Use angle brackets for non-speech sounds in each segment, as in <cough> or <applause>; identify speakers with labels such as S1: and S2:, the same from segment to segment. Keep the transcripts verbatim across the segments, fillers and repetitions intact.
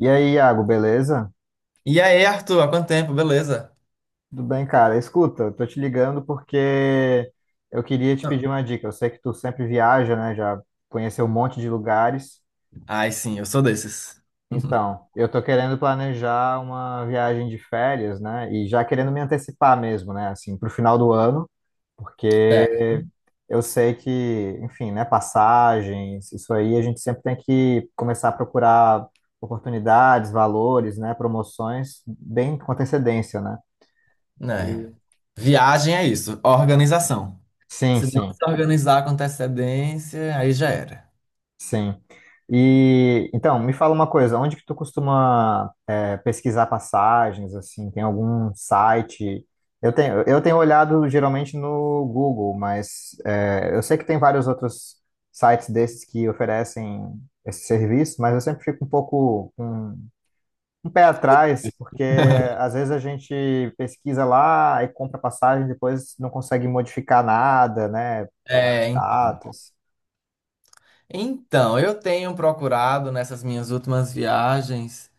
S1: E aí, Iago, beleza?
S2: E aí, Arthur, há quanto tempo, beleza?
S1: Tudo bem, cara? Escuta, eu tô te ligando porque eu queria te pedir uma dica. Eu sei que tu sempre viaja, né? Já conheceu um monte de lugares.
S2: Ai, sim, eu sou desses. <laughs>
S1: Então, eu tô querendo planejar uma viagem de férias, né? E já querendo me antecipar mesmo, né? Assim, pro final do ano,
S2: É,
S1: porque eu sei que, enfim, né? Passagens, isso aí a gente sempre tem que começar a procurar oportunidades, valores, né? Promoções bem com antecedência, né?
S2: né? Viagem é isso, organização.
S1: Sim,
S2: Se não
S1: sim,
S2: se organizar com antecedência, aí já era.
S1: sim. E então, me fala uma coisa, onde que tu costuma é, pesquisar passagens, assim, tem algum site? Eu tenho, eu tenho olhado geralmente no Google, mas é, eu sei que tem vários outros sites desses que oferecem esse serviço, mas eu sempre fico um pouco com um pé atrás, porque às vezes a gente pesquisa lá e compra passagem, depois não consegue modificar nada, né? As
S2: É, en-
S1: datas.
S2: então, eu tenho procurado nessas minhas últimas viagens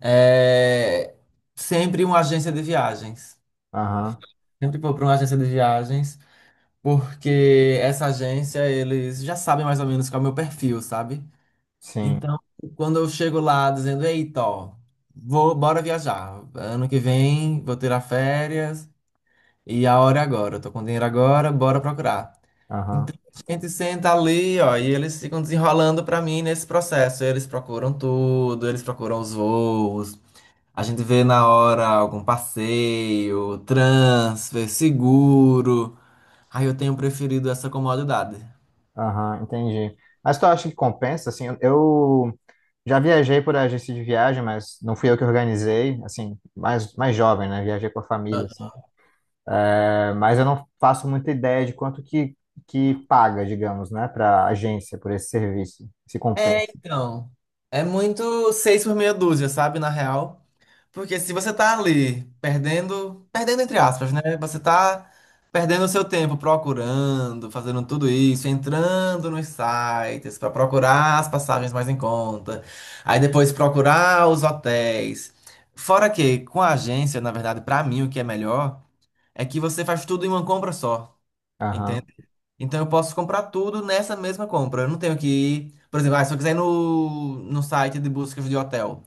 S2: é, sempre uma agência de viagens.
S1: Aham.
S2: Sempre vou para uma agência de viagens, porque essa agência, eles já sabem mais ou menos qual é o meu perfil, sabe?
S1: Sim,
S2: Então, quando eu chego lá dizendo, eita, ó, vou, bora viajar. Ano que vem vou tirar férias e a hora é agora. Eu tô com dinheiro agora, bora procurar.
S1: aham,
S2: Então, a gente senta ali, ó, e eles ficam desenrolando pra mim nesse processo. Eles procuram tudo, eles procuram os voos. A gente vê na hora algum passeio, transfer, seguro. Aí eu tenho preferido essa comodidade.
S1: aham, entendi. Mas tu acha que compensa, assim, eu já viajei por agência de viagem, mas não fui eu que organizei, assim, mais, mais jovem, né, viajei com a família, assim. É, mas eu não faço muita ideia de quanto que, que paga, digamos, né, para agência por esse serviço, se
S2: É,
S1: compensa.
S2: então, é muito seis por meia dúzia, sabe, na real. Porque se você tá ali perdendo, perdendo entre aspas, né? Você tá perdendo o seu tempo procurando, fazendo tudo isso, entrando nos sites pra procurar as passagens mais em conta, aí depois procurar os hotéis. Fora que com a agência, na verdade, pra mim o que é melhor é que você faz tudo em uma compra só, entende?
S1: Aham.
S2: Então eu posso comprar tudo nessa mesma compra. Eu não tenho que ir, por exemplo, ah, se eu quiser ir no, no site de buscas de hotel.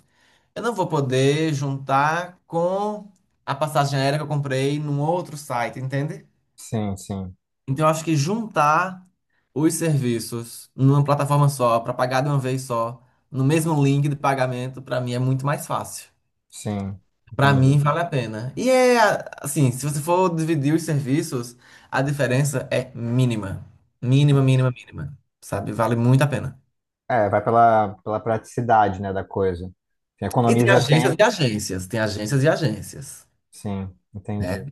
S2: Eu não vou poder juntar com a passagem aérea que eu comprei num outro site, entende?
S1: Sim, sim,
S2: Então eu acho que juntar os serviços numa plataforma só, para pagar de uma vez só, no mesmo link de pagamento, para mim é muito mais fácil.
S1: sim,
S2: Para mim
S1: entendi.
S2: vale a pena. E é a- assim, se você for dividir os serviços, a diferença é mínima. Mínima,
S1: Sim.
S2: mínima, mínima. Sabe? Vale muito a pena.
S1: É, vai pela, pela praticidade, né, da coisa.
S2: E tem
S1: Economiza
S2: agências
S1: tempo,
S2: e agências, tem agências e agências,
S1: sim, entendi.
S2: né?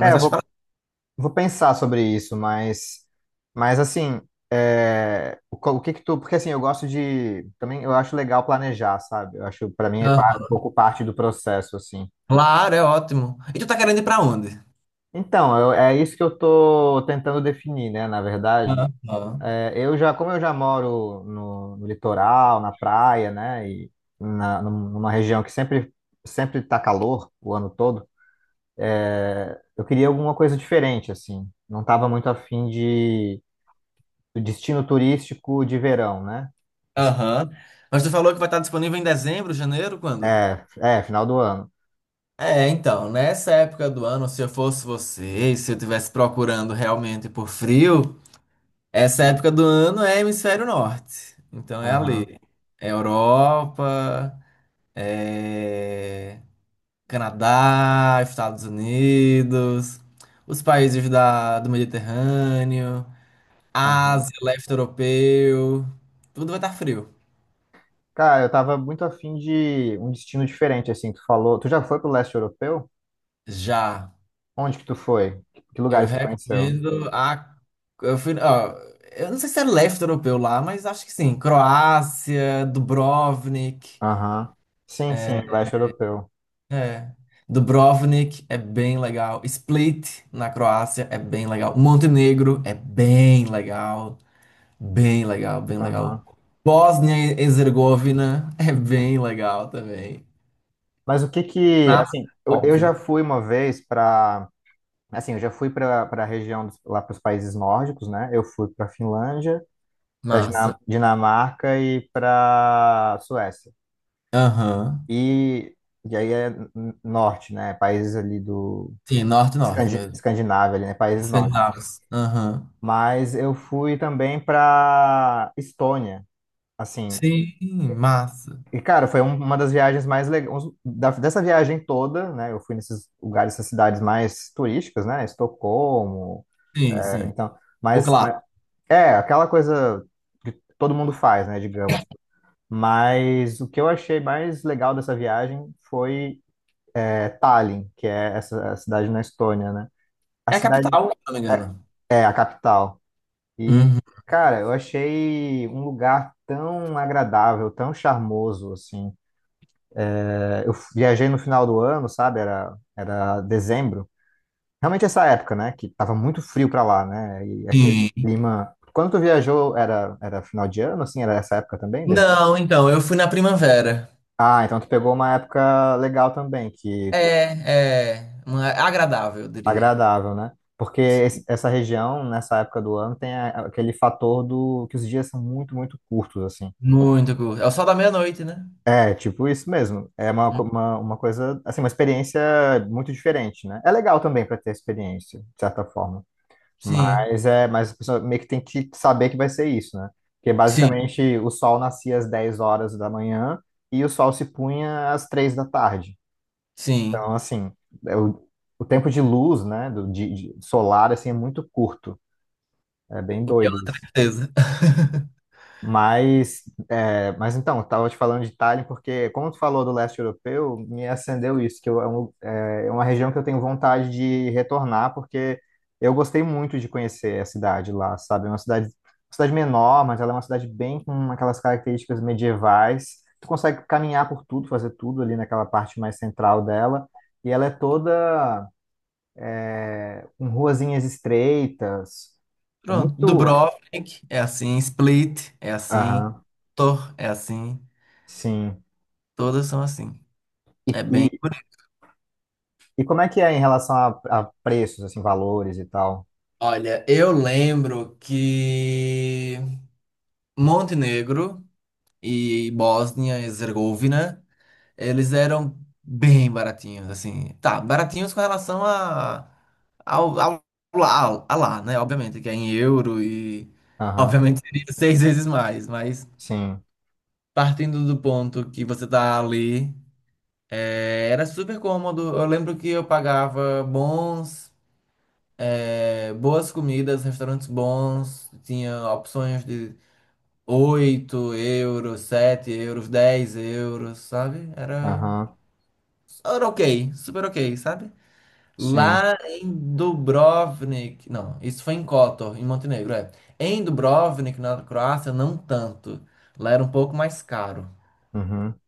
S1: É, eu
S2: acho
S1: vou
S2: que
S1: vou pensar sobre isso, mas, mas assim, é, o, co- o que que tu, porque assim, eu gosto de, também eu acho legal planejar, sabe? Eu acho, para mim, é pa-
S2: vale.
S1: um pouco parte do processo, assim.
S2: Claro, é ótimo. E tu tá querendo ir pra onde?
S1: Então, eu- é isso que eu tô tentando definir, né, na verdade.
S2: Aham.
S1: É, eu já, como eu já moro no, no litoral, na praia, né, e na, num- numa região que sempre, sempre tá calor o ano todo, é, eu queria alguma coisa diferente, assim. Não tava muito afim do destino turístico de verão, né? Assim,
S2: Aham. Mas tu falou que vai estar disponível em dezembro, janeiro, quando?
S1: é, é, final do ano.
S2: É, então, nessa época do ano, se eu fosse você, e se eu estivesse procurando realmente por frio, essa época do ano é hemisfério norte. Então é
S1: Aham,
S2: ali. É Europa, é Canadá, Estados Unidos, os países da, do Mediterrâneo.
S1: aham.
S2: Ásia, leste europeu, tudo vai estar frio.
S1: Cara, eu tava muito afim de um destino diferente, assim, tu falou. Tu já foi pro leste europeu?
S2: Já,
S1: Onde que tu foi? Que
S2: eu
S1: lugares tu conheceu?
S2: recomendo a. Eu, fui, ó, eu não sei se é leste europeu lá, mas acho que sim. Croácia, Dubrovnik.
S1: Aham. Sim, sim, leste europeu.
S2: É. Dubrovnik é bem legal. Split, na Croácia, é bem legal. Montenegro é bem legal. Bem legal, bem legal.
S1: Aham.
S2: Bósnia e Herzegovina é bem legal também.
S1: Mas o que que,
S2: Tá?
S1: assim, eu, eu
S2: Óbvio.
S1: já fui uma vez para, assim, eu já fui para para a região dos, lá para os países nórdicos, né? Eu fui para Finlândia, para
S2: Massa.
S1: Dinamarca e para Suécia.
S2: Aham.
S1: E, e aí é n- norte, né? Países ali do
S2: Sim, norte-norte
S1: Escandi-
S2: mesmo.
S1: Escandinávia, ali, né? Países nórdicos.
S2: Escandinavos. Aham.
S1: Mas eu fui também para Estônia, assim.
S2: Sim, massa.
S1: E, cara, foi um- uma das viagens mais legais. Dessa viagem toda, né? Eu fui nesses lugares, essas cidades mais turísticas, né? Estocolmo.
S2: Sim,
S1: É,
S2: sim.
S1: então,
S2: O
S1: mas, mas
S2: clássico.
S1: é aquela coisa todo mundo faz, né? Digamos. Mas o que eu achei mais legal dessa viagem foi é, Tallinn, que é essa a cidade na Estônia, né? A
S2: É a
S1: cidade
S2: capital, se não me engano.
S1: é, é a capital. E,
S2: Uhum.
S1: cara, eu achei um lugar tão agradável, tão charmoso, assim. É, eu viajei no final do ano, sabe? Era, era dezembro. Realmente essa época, né? Que tava muito frio pra lá, né? E aquele
S2: Sim.
S1: clima. Quando tu viajou, era, era final de ano, assim? Era essa época também, dezembro?
S2: Não, então, eu fui na primavera.
S1: Ah, então tu pegou uma época legal também, que
S2: É, é, uma- é agradável, eu diria.
S1: agradável, né? Porque
S2: Sim,
S1: esse- essa região, nessa época do ano, tem a- aquele fator do que os dias são muito, muito curtos, assim.
S2: muito gostoso. É o sol da meia-noite, né?
S1: É tipo isso mesmo. É uma, co-
S2: Hum,
S1: uma, uma coisa, assim, uma experiência muito diferente, né? É legal também para ter experiência, de certa forma.
S2: sim,
S1: Mas é, mas a pessoa meio que tem que saber que vai ser isso, né? Porque
S2: sim,
S1: basicamente o sol nascia às dez horas da manhã e o sol se punha às três da tarde.
S2: sim.
S1: Então, assim, é o, o tempo de luz, né, do, de, de solar, assim, é muito curto. É bem
S2: O que é
S1: doido
S2: uma
S1: isso.
S2: tristeza. <laughs>
S1: Mas, é, mas então, eu estava te falando de Tallinn porque, como tu falou do leste europeu, me acendeu isso, que eu, é, um- é é uma região que eu tenho vontade de retornar, porque eu gostei muito de conhecer a cidade lá, sabe? É uma cidade, uma cidade menor, mas ela é uma cidade bem com aquelas características medievais. Tu consegue caminhar por tudo, fazer tudo ali naquela parte mais central dela, e ela é toda é, com ruazinhas estreitas. É
S2: Pronto.
S1: muito.
S2: Dubrovnik é assim, Split é assim,
S1: Aham,
S2: Tor é assim,
S1: sim.
S2: todas são assim.
S1: E,
S2: É bem.
S1: e- E como é que é em relação a, a preços, assim, valores e tal?
S2: Olha, eu lembro que Montenegro e Bósnia e Herzegovina, eles eram bem baratinhos, assim. Tá, baratinhos com relação a, ao, ao, lá, a lá, né? Obviamente, que é em euro e
S1: Aham,
S2: obviamente seria <laughs> seis vezes mais, mas
S1: sim,
S2: partindo do ponto que você tá ali, é, era super cômodo. Eu lembro que eu pagava bons, é, boas comidas, restaurantes bons, tinha opções de oito euros, sete euros, dez euros, sabe? Era,
S1: aham,
S2: era ok, super ok, sabe?
S1: sim,
S2: Lá em Dubrovnik, não, isso foi em Kotor, em Montenegro, é. Em Dubrovnik, na Croácia, não tanto. Lá era um pouco mais caro.
S1: uhum,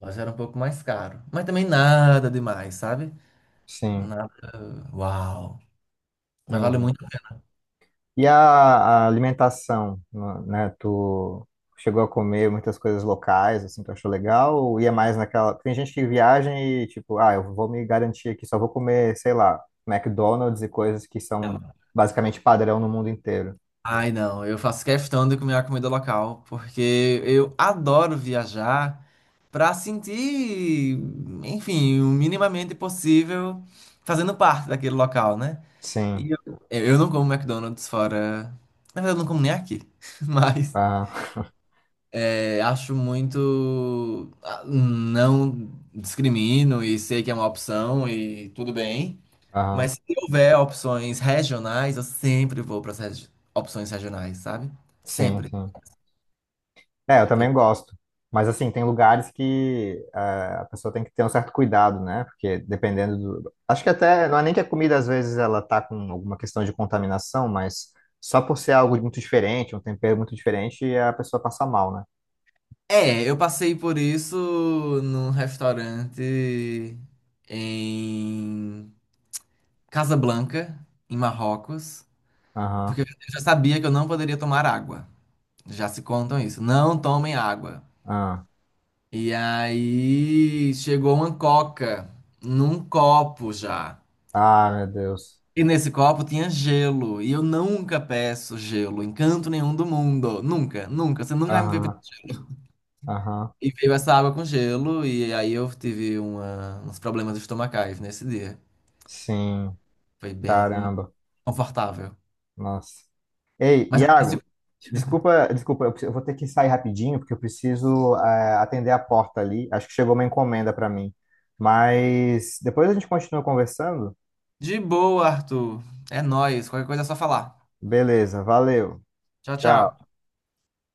S2: Lá já era um pouco mais caro. Mas também nada demais, sabe?
S1: sim,
S2: Nada. Uau! Mas vale
S1: entendi.
S2: muito a
S1: E a, a alimentação, né? Né, tu chegou a comer muitas coisas locais, assim, tu achou legal? Ou ia mais naquela... Tem gente que viaja e, tipo, ah, eu vou me garantir aqui, só vou comer, sei lá, McDonald's e coisas que são
S2: pena.
S1: basicamente padrão no mundo inteiro.
S2: Ai, não, eu faço questão de comer a comida local, porque eu adoro viajar. Para sentir, enfim, o minimamente possível fazendo parte daquele local, né?
S1: Sim,
S2: E eu, eu não como McDonald's fora. Na verdade, eu não como nem aqui. <laughs> Mas
S1: aham,
S2: é, acho muito. Ah, não discrimino e sei que é uma opção e tudo bem.
S1: <laughs>
S2: Mas
S1: aham,
S2: se houver opções regionais, eu sempre vou para as opções regionais, sabe?
S1: sim,
S2: Sempre.
S1: sim. É, eu
S2: Porque
S1: também gosto. Mas, assim, tem lugares que eh, a pessoa tem que ter um certo cuidado, né? Porque dependendo do. Acho que até. Não é nem que a comida, às vezes, ela tá com alguma questão de contaminação, mas só por ser algo muito diferente, um tempero muito diferente, é a pessoa passa mal, né?
S2: é, eu passei por isso num restaurante em Casablanca, em Marrocos,
S1: Aham.
S2: porque eu já sabia que eu não poderia tomar água. Já se contam isso, não tomem água.
S1: Aham.
S2: E aí chegou uma coca num copo já.
S1: Ah, meu Deus.
S2: E nesse copo tinha gelo, e eu nunca peço gelo em canto nenhum do mundo, nunca, nunca, você nunca vai me ver.
S1: Aham. Aham.
S2: E veio essa água com gelo, e aí eu tive uma- uns problemas estomacais nesse dia.
S1: Sim.
S2: Foi bem
S1: Caramba.
S2: confortável.
S1: Nossa. Ei,
S2: Mas assim,
S1: Iago, desculpa, desculpa, eu preciso- eu vou ter que sair rapidinho, porque eu preciso, eh, atender a porta ali. Acho que chegou uma encomenda para mim. Mas depois a gente continua conversando.
S2: de boa, Arthur. É nóis. Qualquer coisa é só falar.
S1: Beleza, valeu.
S2: Tchau,
S1: Tchau.
S2: tchau.